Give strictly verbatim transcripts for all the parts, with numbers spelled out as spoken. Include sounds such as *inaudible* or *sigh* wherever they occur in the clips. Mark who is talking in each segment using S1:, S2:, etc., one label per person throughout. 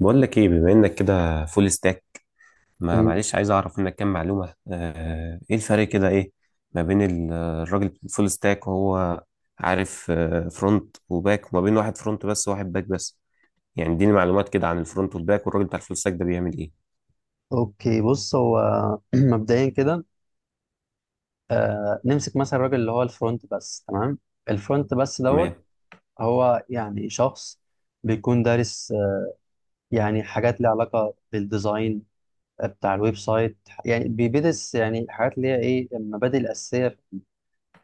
S1: بقول لك ايه؟ بما انك كده فول ستاك، ما
S2: مم.
S1: معلش عايز اعرف منك كام معلومه. آه، ايه الفرق كده، ايه ما بين ال- الراجل فول ستاك وهو عارف فرونت وباك، وما بين واحد فرونت بس وواحد باك بس؟ يعني اديني معلومات كده عن الفرونت والباك، والراجل بتاع الفول ستاك ده بيعمل ايه؟
S2: اوكي بص هو *clears throat* مبدئيا كده. آه نمسك مثلا الراجل اللي هو الفرونت بس. تمام، الفرونت بس دوت.
S1: تمام.
S2: هو يعني شخص بيكون دارس، آه، يعني حاجات ليها علاقة بالديزاين بتاع الويب سايت. يعني بيدرس يعني حاجات اللي هي ايه المبادئ الأساسية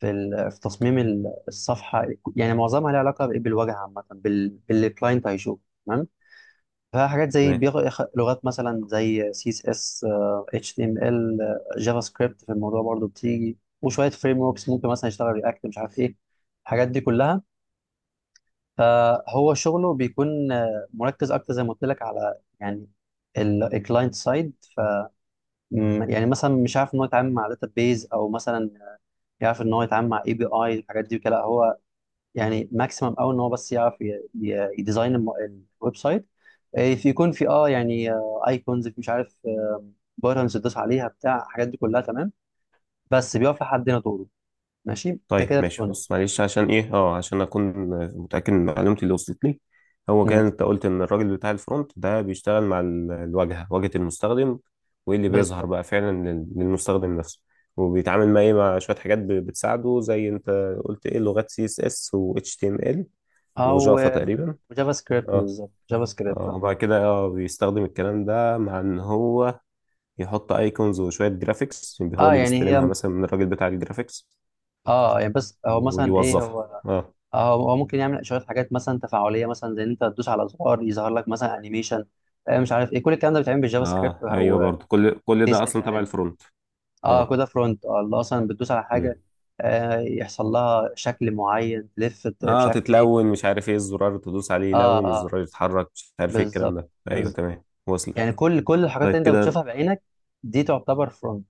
S2: في ال- في تصميم ال- الصفحة. يعني معظمها ليها علاقة بإيه؟ بالواجهة عامة، بال- باللي الكلاينت هيشوفه. تمام. فحاجات زي
S1: تمام.
S2: بيغ... يخ- لغات مثلا زي سي اس اس، اتش تي ام ال. جافا سكريبت في الموضوع برضو بتيجي، وشويه فريم وركس ممكن مثلا يشتغل رياكت، مش عارف ايه الحاجات دي كلها. فهو شغله بيكون، آه، مركز اكتر زي ما قلت لك على يعني الكلاينت سايد. ف م- يعني مثلا مش عارف ان هو يتعامل مع داتا بيز، او مثلا يعرف ان هو يتعامل مع اي بي اي. الحاجات دي كده هو يعني ماكسيمم قوي ان هو بس يعرف ي- ي- يديزاين الم- الويب سايت. آه، في يكون في اه يعني ايكونز، مش عارف، بارتنز تدوس عليها بتاع الحاجات دي كلها. تمام. بس بيقف لحد هنا دوره. ماشي، ده
S1: طيب
S2: كده
S1: ماشي
S2: الفرونت.
S1: بص، معلش عشان ايه، اه عشان اكون متاكد من معلومتي اللي وصلت لي. هو كان
S2: مم.
S1: انت قلت ان الراجل بتاع الفرونت ده بيشتغل مع ال- الواجهه، واجهه المستخدم، وايه اللي بيظهر
S2: بالظبط.
S1: بقى فعلا لل- للمستخدم نفسه. وبيتعامل مع ايه؟ مع شويه حاجات ب- بتساعده، زي انت قلت ايه؟ لغات سي اس اس و اتش تي ام ال،
S2: او
S1: وجافا
S2: آه،
S1: تقريبا.
S2: جافا سكريبت،
S1: اه.
S2: بالظبط، جافا سكريبت
S1: اه.
S2: اه.
S1: وبعد كده اه بيستخدم الكلام ده، مع ان هو يحط ايكونز وشويه جرافيكس، هو
S2: آه،
S1: اللي
S2: يعني
S1: بيستلمها
S2: هي
S1: مثلا من الراجل بتاع الجرافيكس
S2: اه يعني بس هو مثلا ايه
S1: ويوظفها.
S2: هو
S1: آه.
S2: آه، هو هو ممكن يعمل شويه حاجات مثلا تفاعليه، مثلا زي ان انت تدوس على زرار يظهر لك مثلا انيميشن، مش عارف ايه. كل الكلام ده بيتعمل بالجافا سكريبت
S1: اه ايوه،
S2: او
S1: برضو كل كل
S2: سي اس
S1: ده
S2: اس
S1: اصلا تبع
S2: عادي.
S1: الفرونت.
S2: اه
S1: اه.
S2: كده فرونت، اه اللي اصلا بتدوس على
S1: مم.
S2: حاجه آه يحصل لها شكل معين، تلف، ت- مش
S1: اه
S2: عارف ايه.
S1: تتلون مش عارف ايه، الزرار تدوس عليه
S2: اه
S1: يلون،
S2: اه،
S1: الزرار يتحرك مش عارف ايه الكلام
S2: بالظبط،
S1: ده، ايوه
S2: بالظبط.
S1: تمام وصلت.
S2: يعني كل كل الحاجات اللي
S1: طيب
S2: انت
S1: كده
S2: بتشوفها بعينك دي تعتبر فرونت،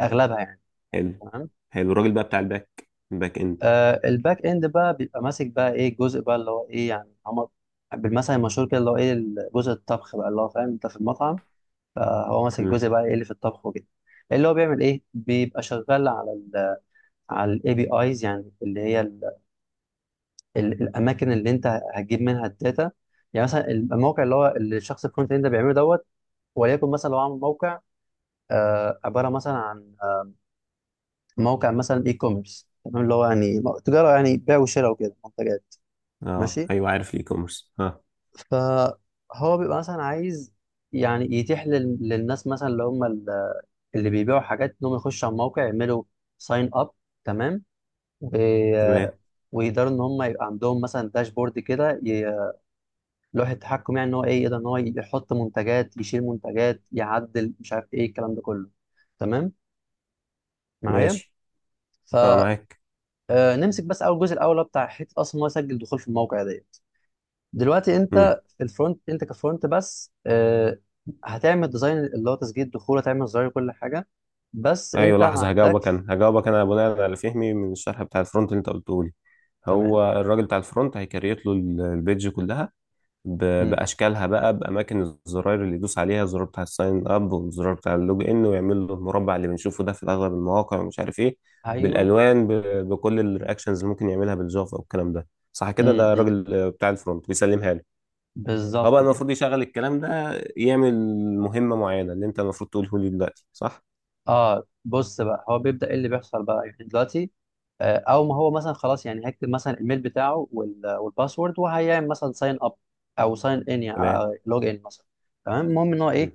S2: اغلبها يعني.
S1: حلو.
S2: تمام.
S1: حلو. الراجل بقى بتاع الباك، الباك اند.
S2: آه الباك اند بقى بيبقى ماسك بقى ايه الجزء بقى اللي هو ايه يعني. هم بالمثل المشهور كده اللي هو ايه جزء الطبخ بقى، اللي هو فاهم انت في المطعم. فهو ماسك
S1: مم.
S2: الجزء بقى ايه اللي في الطبخ وكده. اللي هو بيعمل ايه، بيبقى شغال على ال على الاي بي ايز، يعني اللي هي ال- الاماكن اللي انت هتجيب منها الداتا. يعني مثلا الموقع اللي هو اللي الشخص الكونتنت اللي انت بيعمله دوت. وليكن مثلا لو عامل موقع، آه، عباره مثلا عن، آه، موقع مثلا اي كوميرس. تمام، اللي هو يعني م- تجاره، يعني بيع وشراء وكده منتجات.
S1: اه
S2: ماشي.
S1: ايوه، عارف الاي كوميرس، اه.
S2: فهو بيبقى مثلا عايز يعني يتيح لل- للناس مثلا اللي هم ال- اللي بيبيعوا حاجات انهم يخشوا على الموقع يعملوا ساين اب. تمام. و-
S1: تمام.
S2: ويقدروا ان هم يبقى عندهم مثلا داشبورد كده، لوحة تحكم، يعني ان هو ايه يقدر ان هو يحط منتجات، يشيل منتجات، يعدل، مش عارف ايه الكلام ده كله. تمام، معايا.
S1: ماشي. اه معاك.
S2: فنمسك بس اول جزء الاول اللي هو بتاع حته اصلا إن هو يسجل دخول في الموقع ديت. دلوقتي انت
S1: مم.
S2: في الفرونت، انت كفرونت بس، آه، هتعمل ديزاين اللي هو تسجيل الدخول، هتعمل زرار كل حاجه، بس
S1: ايوه
S2: انت ما
S1: لحظه، هجاوبك
S2: عندكش.
S1: انا هجاوبك انا بناء على فهمي من الشرح بتاع الفرونت اللي انت قلته لي.
S2: تمام.
S1: هو الراجل بتاع الفرونت هيكريت له ال- البيدج كلها، ب-
S2: مم.
S1: باشكالها بقى، باماكن الزراير اللي يدوس عليها، الزرار بتاع الساين اب والزرار بتاع اللوج ان، ويعمل له المربع اللي بنشوفه ده في اغلب المواقع ومش عارف ايه،
S2: ايوه.
S1: بالالوان، ب- بكل الرياكشنز اللي ممكن يعملها بالجافا والكلام ده. صح كده؟
S2: مم.
S1: ده
S2: مم.
S1: الراجل آه، بتاع الفرونت بيسلمها لي. هو بقى
S2: بالظبط كده.
S1: المفروض يشغل الكلام ده، يعمل مهمه معينه، اللي انت المفروض تقوله لي دلوقتي، صح؟
S2: اه بص بقى، هو بيبدأ ايه اللي بيحصل بقى يعني دلوقتي، آه، او ما هو مثلا خلاص، يعني هيكتب مثلا الميل بتاعه وال- والباسورد وهيعمل مثلا ساين اب او ساين ان، يعني
S1: تمام.
S2: لوج ان مثلا. تمام، المهم ان هو
S1: مم.
S2: ايه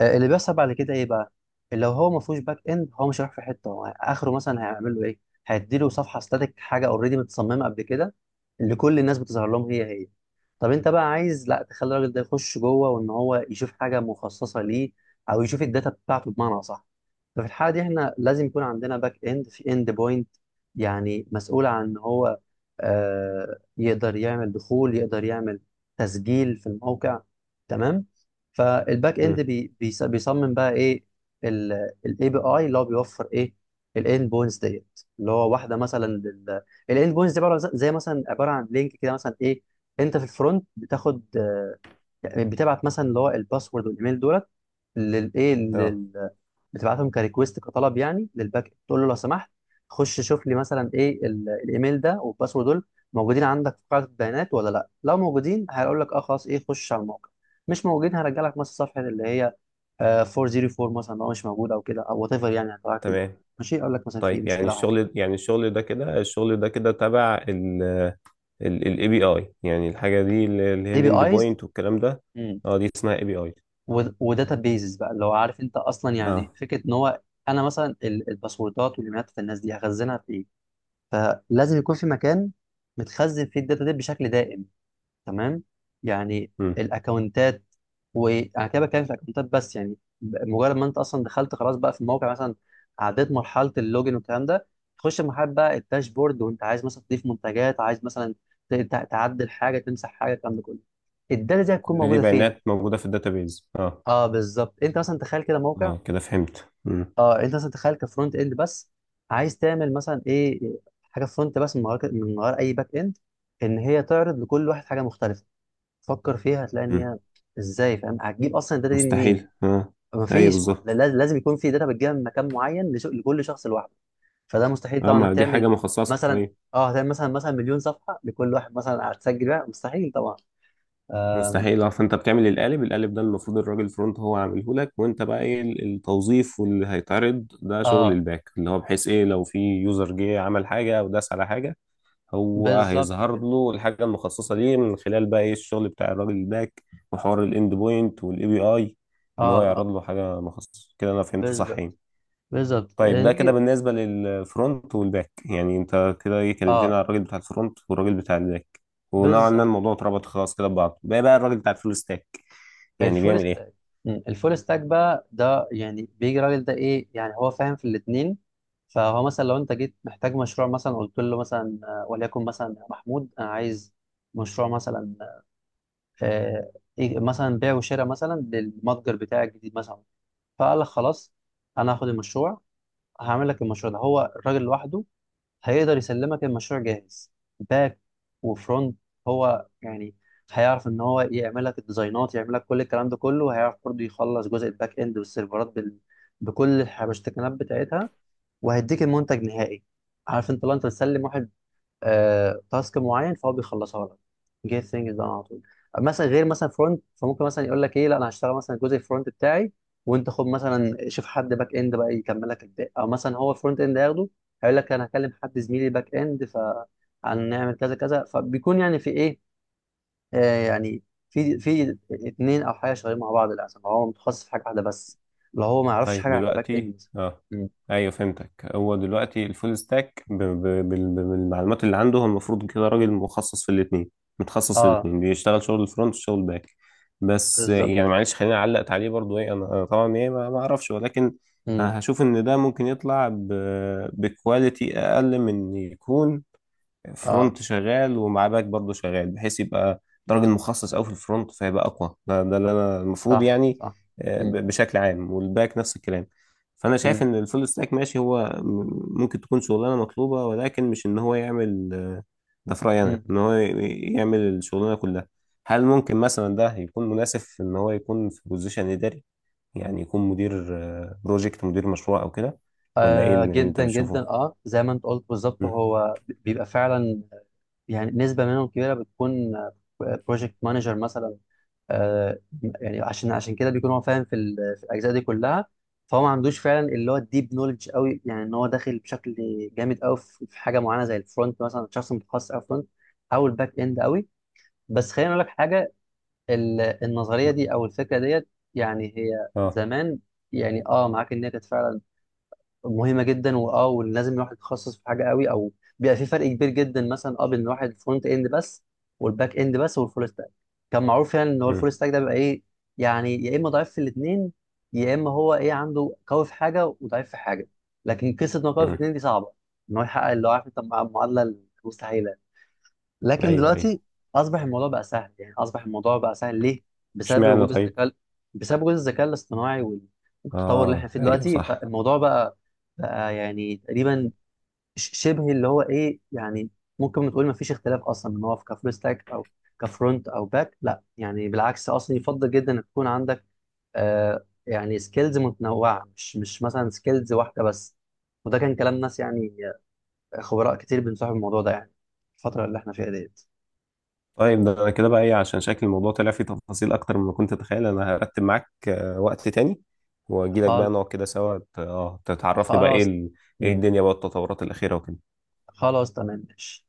S2: آه، اللي بيحصل بعد كده ايه بقى. لو هو ما فيهوش باك اند، هو مش هيروح في حته، هو اخره مثلا هيعمل له ايه، هيديله صفحه ستاتيك، حاجه اوريدي متصممه قبل كده، اللي كل الناس بتظهر لهم هي هي. طب انت بقى عايز لا، تخلي الراجل ده يخش جوه وان هو يشوف حاجه مخصصه ليه، او يشوف الداتا بتاعته، بمعنى صح. ففي الحاله دي احنا لازم يكون عندنا باك اند، في اند بوينت يعني مسؤول عن ان هو آه يقدر يعمل دخول، يقدر يعمل تسجيل في الموقع. تمام. فالباك
S1: مم.
S2: اند بي بيص- بيصمم بقى ايه الاي بي اي اللي هو بيوفر ايه الاند بوينتس ديت. اللي هو واحده مثلا الاند بوينتس دي عباره زي مثلا، عباره عن لينك كده مثلا ايه. انت في الفرونت بتاخد، يعني بتبعت مثلا اللي هو الباسورد والايميل دولت للايه
S1: اه.
S2: لل... بتبعتهم كريكويست كطلب يعني للباك إند، تقول له لو سمحت خش شوف لي مثلا ايه ال- الايميل ده والباسورد دول موجودين عندك في قاعده البيانات ولا لا. لو موجودين هيقول لك اه خلاص ايه خش على الموقع، مش موجودين هرجع لك مثلا صفحه اللي هي آه، فور او فور مثلا لو مش موجوده، او كده، او وات ايفر يعني هتبعت ايه
S1: تمام.
S2: ماشي، اقول لك مثلا في
S1: طيب، يعني
S2: مشكله او حاجه.
S1: الشغل، يعني الشغل ده كده الشغل ده كده تبع ال الاي بي اي، يعني الحاجة دي اللي هي
S2: اي بي
S1: الاند
S2: ايز
S1: بوينت والكلام ده. اه دي اسمها اي بي اي.
S2: وداتا بيزز بقى، اللي هو عارف انت اصلا يعني
S1: اه.
S2: فكره ان هو انا مثلا ال- الباسوردات والايميلات بتاع الناس دي هخزنها في ايه. فلازم يكون في مكان متخزن فيه الداتا دي بشكل دائم. تمام، يعني
S1: امم
S2: الاكونتات. وانا كده بتكلم في الاكونتات بس، يعني ب- مجرد ما انت اصلا دخلت خلاص بقى في الموقع مثلا، عديت مرحله اللوجن والكلام ده، تخش مرحله بقى الداشبورد، وانت عايز مثلا تضيف منتجات، عايز مثلا ت- ت- تعدل حاجه، تمسح حاجه، الكلام ده كله، الداتا دي هتكون
S1: كل دي
S2: موجوده فين.
S1: بيانات موجودة في الداتابيز، اه.
S2: اه بالظبط، انت مثلا تخيل كده موقع.
S1: اه كده فهمت. امم
S2: اه انت مثلا تخيل كفرونت اند بس، عايز تعمل مثلا ايه، حاجه فرونت بس من غير من غير اي باك اند، ان هي تعرض لكل واحد حاجه مختلفه. فكر فيها هتلاقي ان
S1: امم
S2: هي ازاي، فاهم، هتجيب اصلا الداتا دي منين.
S1: مستحيل اه. ايوه
S2: مفيش، ما هو
S1: بالظبط.
S2: لا- لازم يكون في داتا بتجيبها من مكان معين لش- لكل شخص لوحده. فده مستحيل
S1: اه،
S2: طبعا انك
S1: ما دي
S2: تعمل
S1: حاجة مخصصة،
S2: مثلا،
S1: ايوه.
S2: اه هتعمل مثلا مثلا مليون صفحه لكل واحد مثلا هتسجل بيها، مستحيل طبعا. اه,
S1: مستحيل اه. فانت بتعمل القالب القالب ده المفروض الراجل الفرونت هو عامله لك، وانت بقى ايه؟ ال- التوظيف واللي هيتعرض، ده شغل
S2: آه
S1: الباك، اللي هو بحيث ايه؟ لو في يوزر جه عمل حاجة او داس على حاجة، هو
S2: بالظبط
S1: هيظهر
S2: كده.
S1: له الحاجه المخصصه ليه من خلال بقى ايه؟ الشغل بتاع الراجل الباك، وحوار الاند بوينت والاي بي اي،
S2: اه
S1: ان هو يعرض
S2: اه،
S1: له حاجه مخصصه كده. انا فهمت صح
S2: بالظبط،
S1: يعني؟
S2: بالظبط.
S1: طيب،
S2: آه،
S1: ده كده
S2: نيجي
S1: بالنسبه للفرونت والباك، يعني انت كده ايه، كلمتني
S2: اه
S1: على الراجل بتاع الفرونت والراجل بتاع الباك، ونوعا ما
S2: بالظبط.
S1: الموضوع اتربط خلاص كده ببعضه، بقى بقى الراجل بتاع الفول ستاك يعني
S2: الفول
S1: بيعمل ايه؟
S2: ستاك. مم. الفول ستاك بقى ده، يعني بيجي راجل ده ايه يعني هو فاهم في الاثنين. فهو مثلا لو انت جيت محتاج مشروع مثلا قلت له مثلا، آه، وليكن مثلا يا محمود انا عايز مشروع مثلا، آه إيه مثلا بيع وشراء مثلا للمتجر بتاعي الجديد مثلا. فقال لك خلاص انا هاخد المشروع، هعمل لك المشروع ده هو الراجل لوحده، هيقدر يسلمك المشروع جاهز، باك وفرونت. هو يعني هيعرف ان هو يعمل لك الديزاينات، يعمل لك كل الكلام ده كله، وهيعرف برضه يخلص جزء الباك اند والسيرفرات بال... بكل الحبشتكنات بتاعتها، وهيديك المنتج نهائي. عارف انت لو انت بتسلم واحد آه، تاسك معين، فهو بيخلصها لك جيت ثينجز ده على طول. مثلا غير مثلا فرونت، فممكن مثلا يقول لك ايه لا انا هشتغل مثلا الجزء الفرونت بتاعي، وانت خد مثلا شوف حد باك اند بقى يكمل لك الباقي، او مثلا هو الفرونت اند هياخده هيقول لك انا هكلم حد زميلي باك اند فهنعمل كذا كذا، فبيكون يعني في ايه آه يعني في في اتنين او حاجه شغالين مع بعض. للاسف هو متخصص في حاجه واحده بس، لو هو ما يعرفش
S1: طيب
S2: حاجه عن الباك
S1: دلوقتي
S2: اند.
S1: اه،
S2: م.
S1: ايوه فهمتك. هو دلوقتي الفول ستاك ب... ب... بال- بالمعلومات اللي عنده، هو المفروض كده راجل مخصص في الاثنين متخصص في
S2: اه
S1: الاثنين، بيشتغل شغل الفرونت وشغل الباك. بس آه،
S2: بالظبط.
S1: يعني معلش خليني علقت عليه برضو. ايه، انا، أنا طبعا ايه، ما ما اعرفش، ولكن
S2: م.
S1: أنا هشوف ان ده ممكن يطلع ب... بكواليتي اقل من إن يكون
S2: اه
S1: فرونت شغال ومعاه باك برضه شغال، بحيث يبقى ده راجل مخصص قوي في الفرونت فيبقى اقوى. ده, ده اللي انا المفروض
S2: صح
S1: يعني
S2: صح.
S1: آه،
S2: م.
S1: ب- بشكل عام، والباك نفس الكلام. فانا شايف
S2: م.
S1: ان الفول ستاك ماشي، هو م- ممكن تكون شغلانه مطلوبه، ولكن مش ان هو يعمل آه، ده في رايي انا،
S2: مم.
S1: ان هو ي- يعمل الشغلانه كلها. هل ممكن مثلا ده يكون مناسب في ان هو يكون في بوزيشن اداري، يعني يكون مدير آه، بروجكت، مدير مشروع او كده؟ ولا ايه
S2: آه
S1: اللي اللي انت
S2: جدا جدا،
S1: بتشوفه؟
S2: اه زي ما انت قلت بالظبط،
S1: مم.
S2: هو بيبقى فعلا يعني نسبة منهم كبيرة بتكون بروجكت مانجر مثلا. آه يعني عشان عشان كده بيكون هو فاهم في, ال- في الاجزاء دي كلها، فهو ما عندوش فعلا اللي هو الديب نولج قوي، يعني ان هو داخل بشكل جامد قوي في في حاجة معينة زي الفرونت مثلا، شخص متخصص قوي فرونت، او الباك اند قوي. بس خليني اقول لك حاجة، ال- النظرية دي او الفكرة ديت، يعني هي
S1: اه.
S2: زمان يعني اه معاك ان هي كانت فعلا مهمه جدا، واه ولازم الواحد يتخصص في حاجه قوي، او بيبقى في فرق كبير جدا مثلا اه بين الواحد فرونت اند بس، والباك اند بس، والفول ستاك. كان معروف يعني ان هو
S1: مم.
S2: الفول ستاك ده بيبقى ايه يعني يا اما ضعيف في الاثنين، يا اما هو ايه عنده قوي في حاجه وضعيف في حاجه. لكن قصه انه قوي في
S1: مم.
S2: الاثنين دي صعبه ان هو يحقق، اللي هو عارف انت المعادله المستحيله. لكن
S1: ايوه، ايوه.
S2: دلوقتي اصبح الموضوع بقى سهل، يعني اصبح الموضوع بقى سهل ليه؟ بسبب
S1: اشمعنى
S2: وجود
S1: طيب؟
S2: الذكاء، بسبب وجود الذكاء الاصطناعي وال- والتطور اللي احنا
S1: اه
S2: فيه
S1: ايوه
S2: دلوقتي.
S1: صح.
S2: فالموضوع بقى بقى يعني تقريبا ش- شبه اللي هو ايه يعني ممكن نقول ما فيش اختلاف اصلا ان هو في كفول ستاك او كفرونت او باك. لا يعني بالعكس، اصلا يفضل جدا ان تكون عندك آه يعني سكيلز متنوعه، مش مش مثلا سكيلز واحده بس. وده كان كلام ناس يعني آه، خبراء كتير بنصحوا الموضوع ده يعني الفتره اللي احنا فيها ديت.
S1: طيب ده، انا كده بقى ايه؟ عشان شكل الموضوع طلع فيه تفاصيل اكتر مما كنت اتخيل، انا هرتب معاك آه، وقت تاني، واجي لك بقى نقعد كده سوا، ت- اه تتعرفني بقى ايه
S2: خلاص.
S1: ال- ايه
S2: مم.
S1: الدنيا بقى، التطورات الاخيره وكده.
S2: خلاص تمام، ماشي.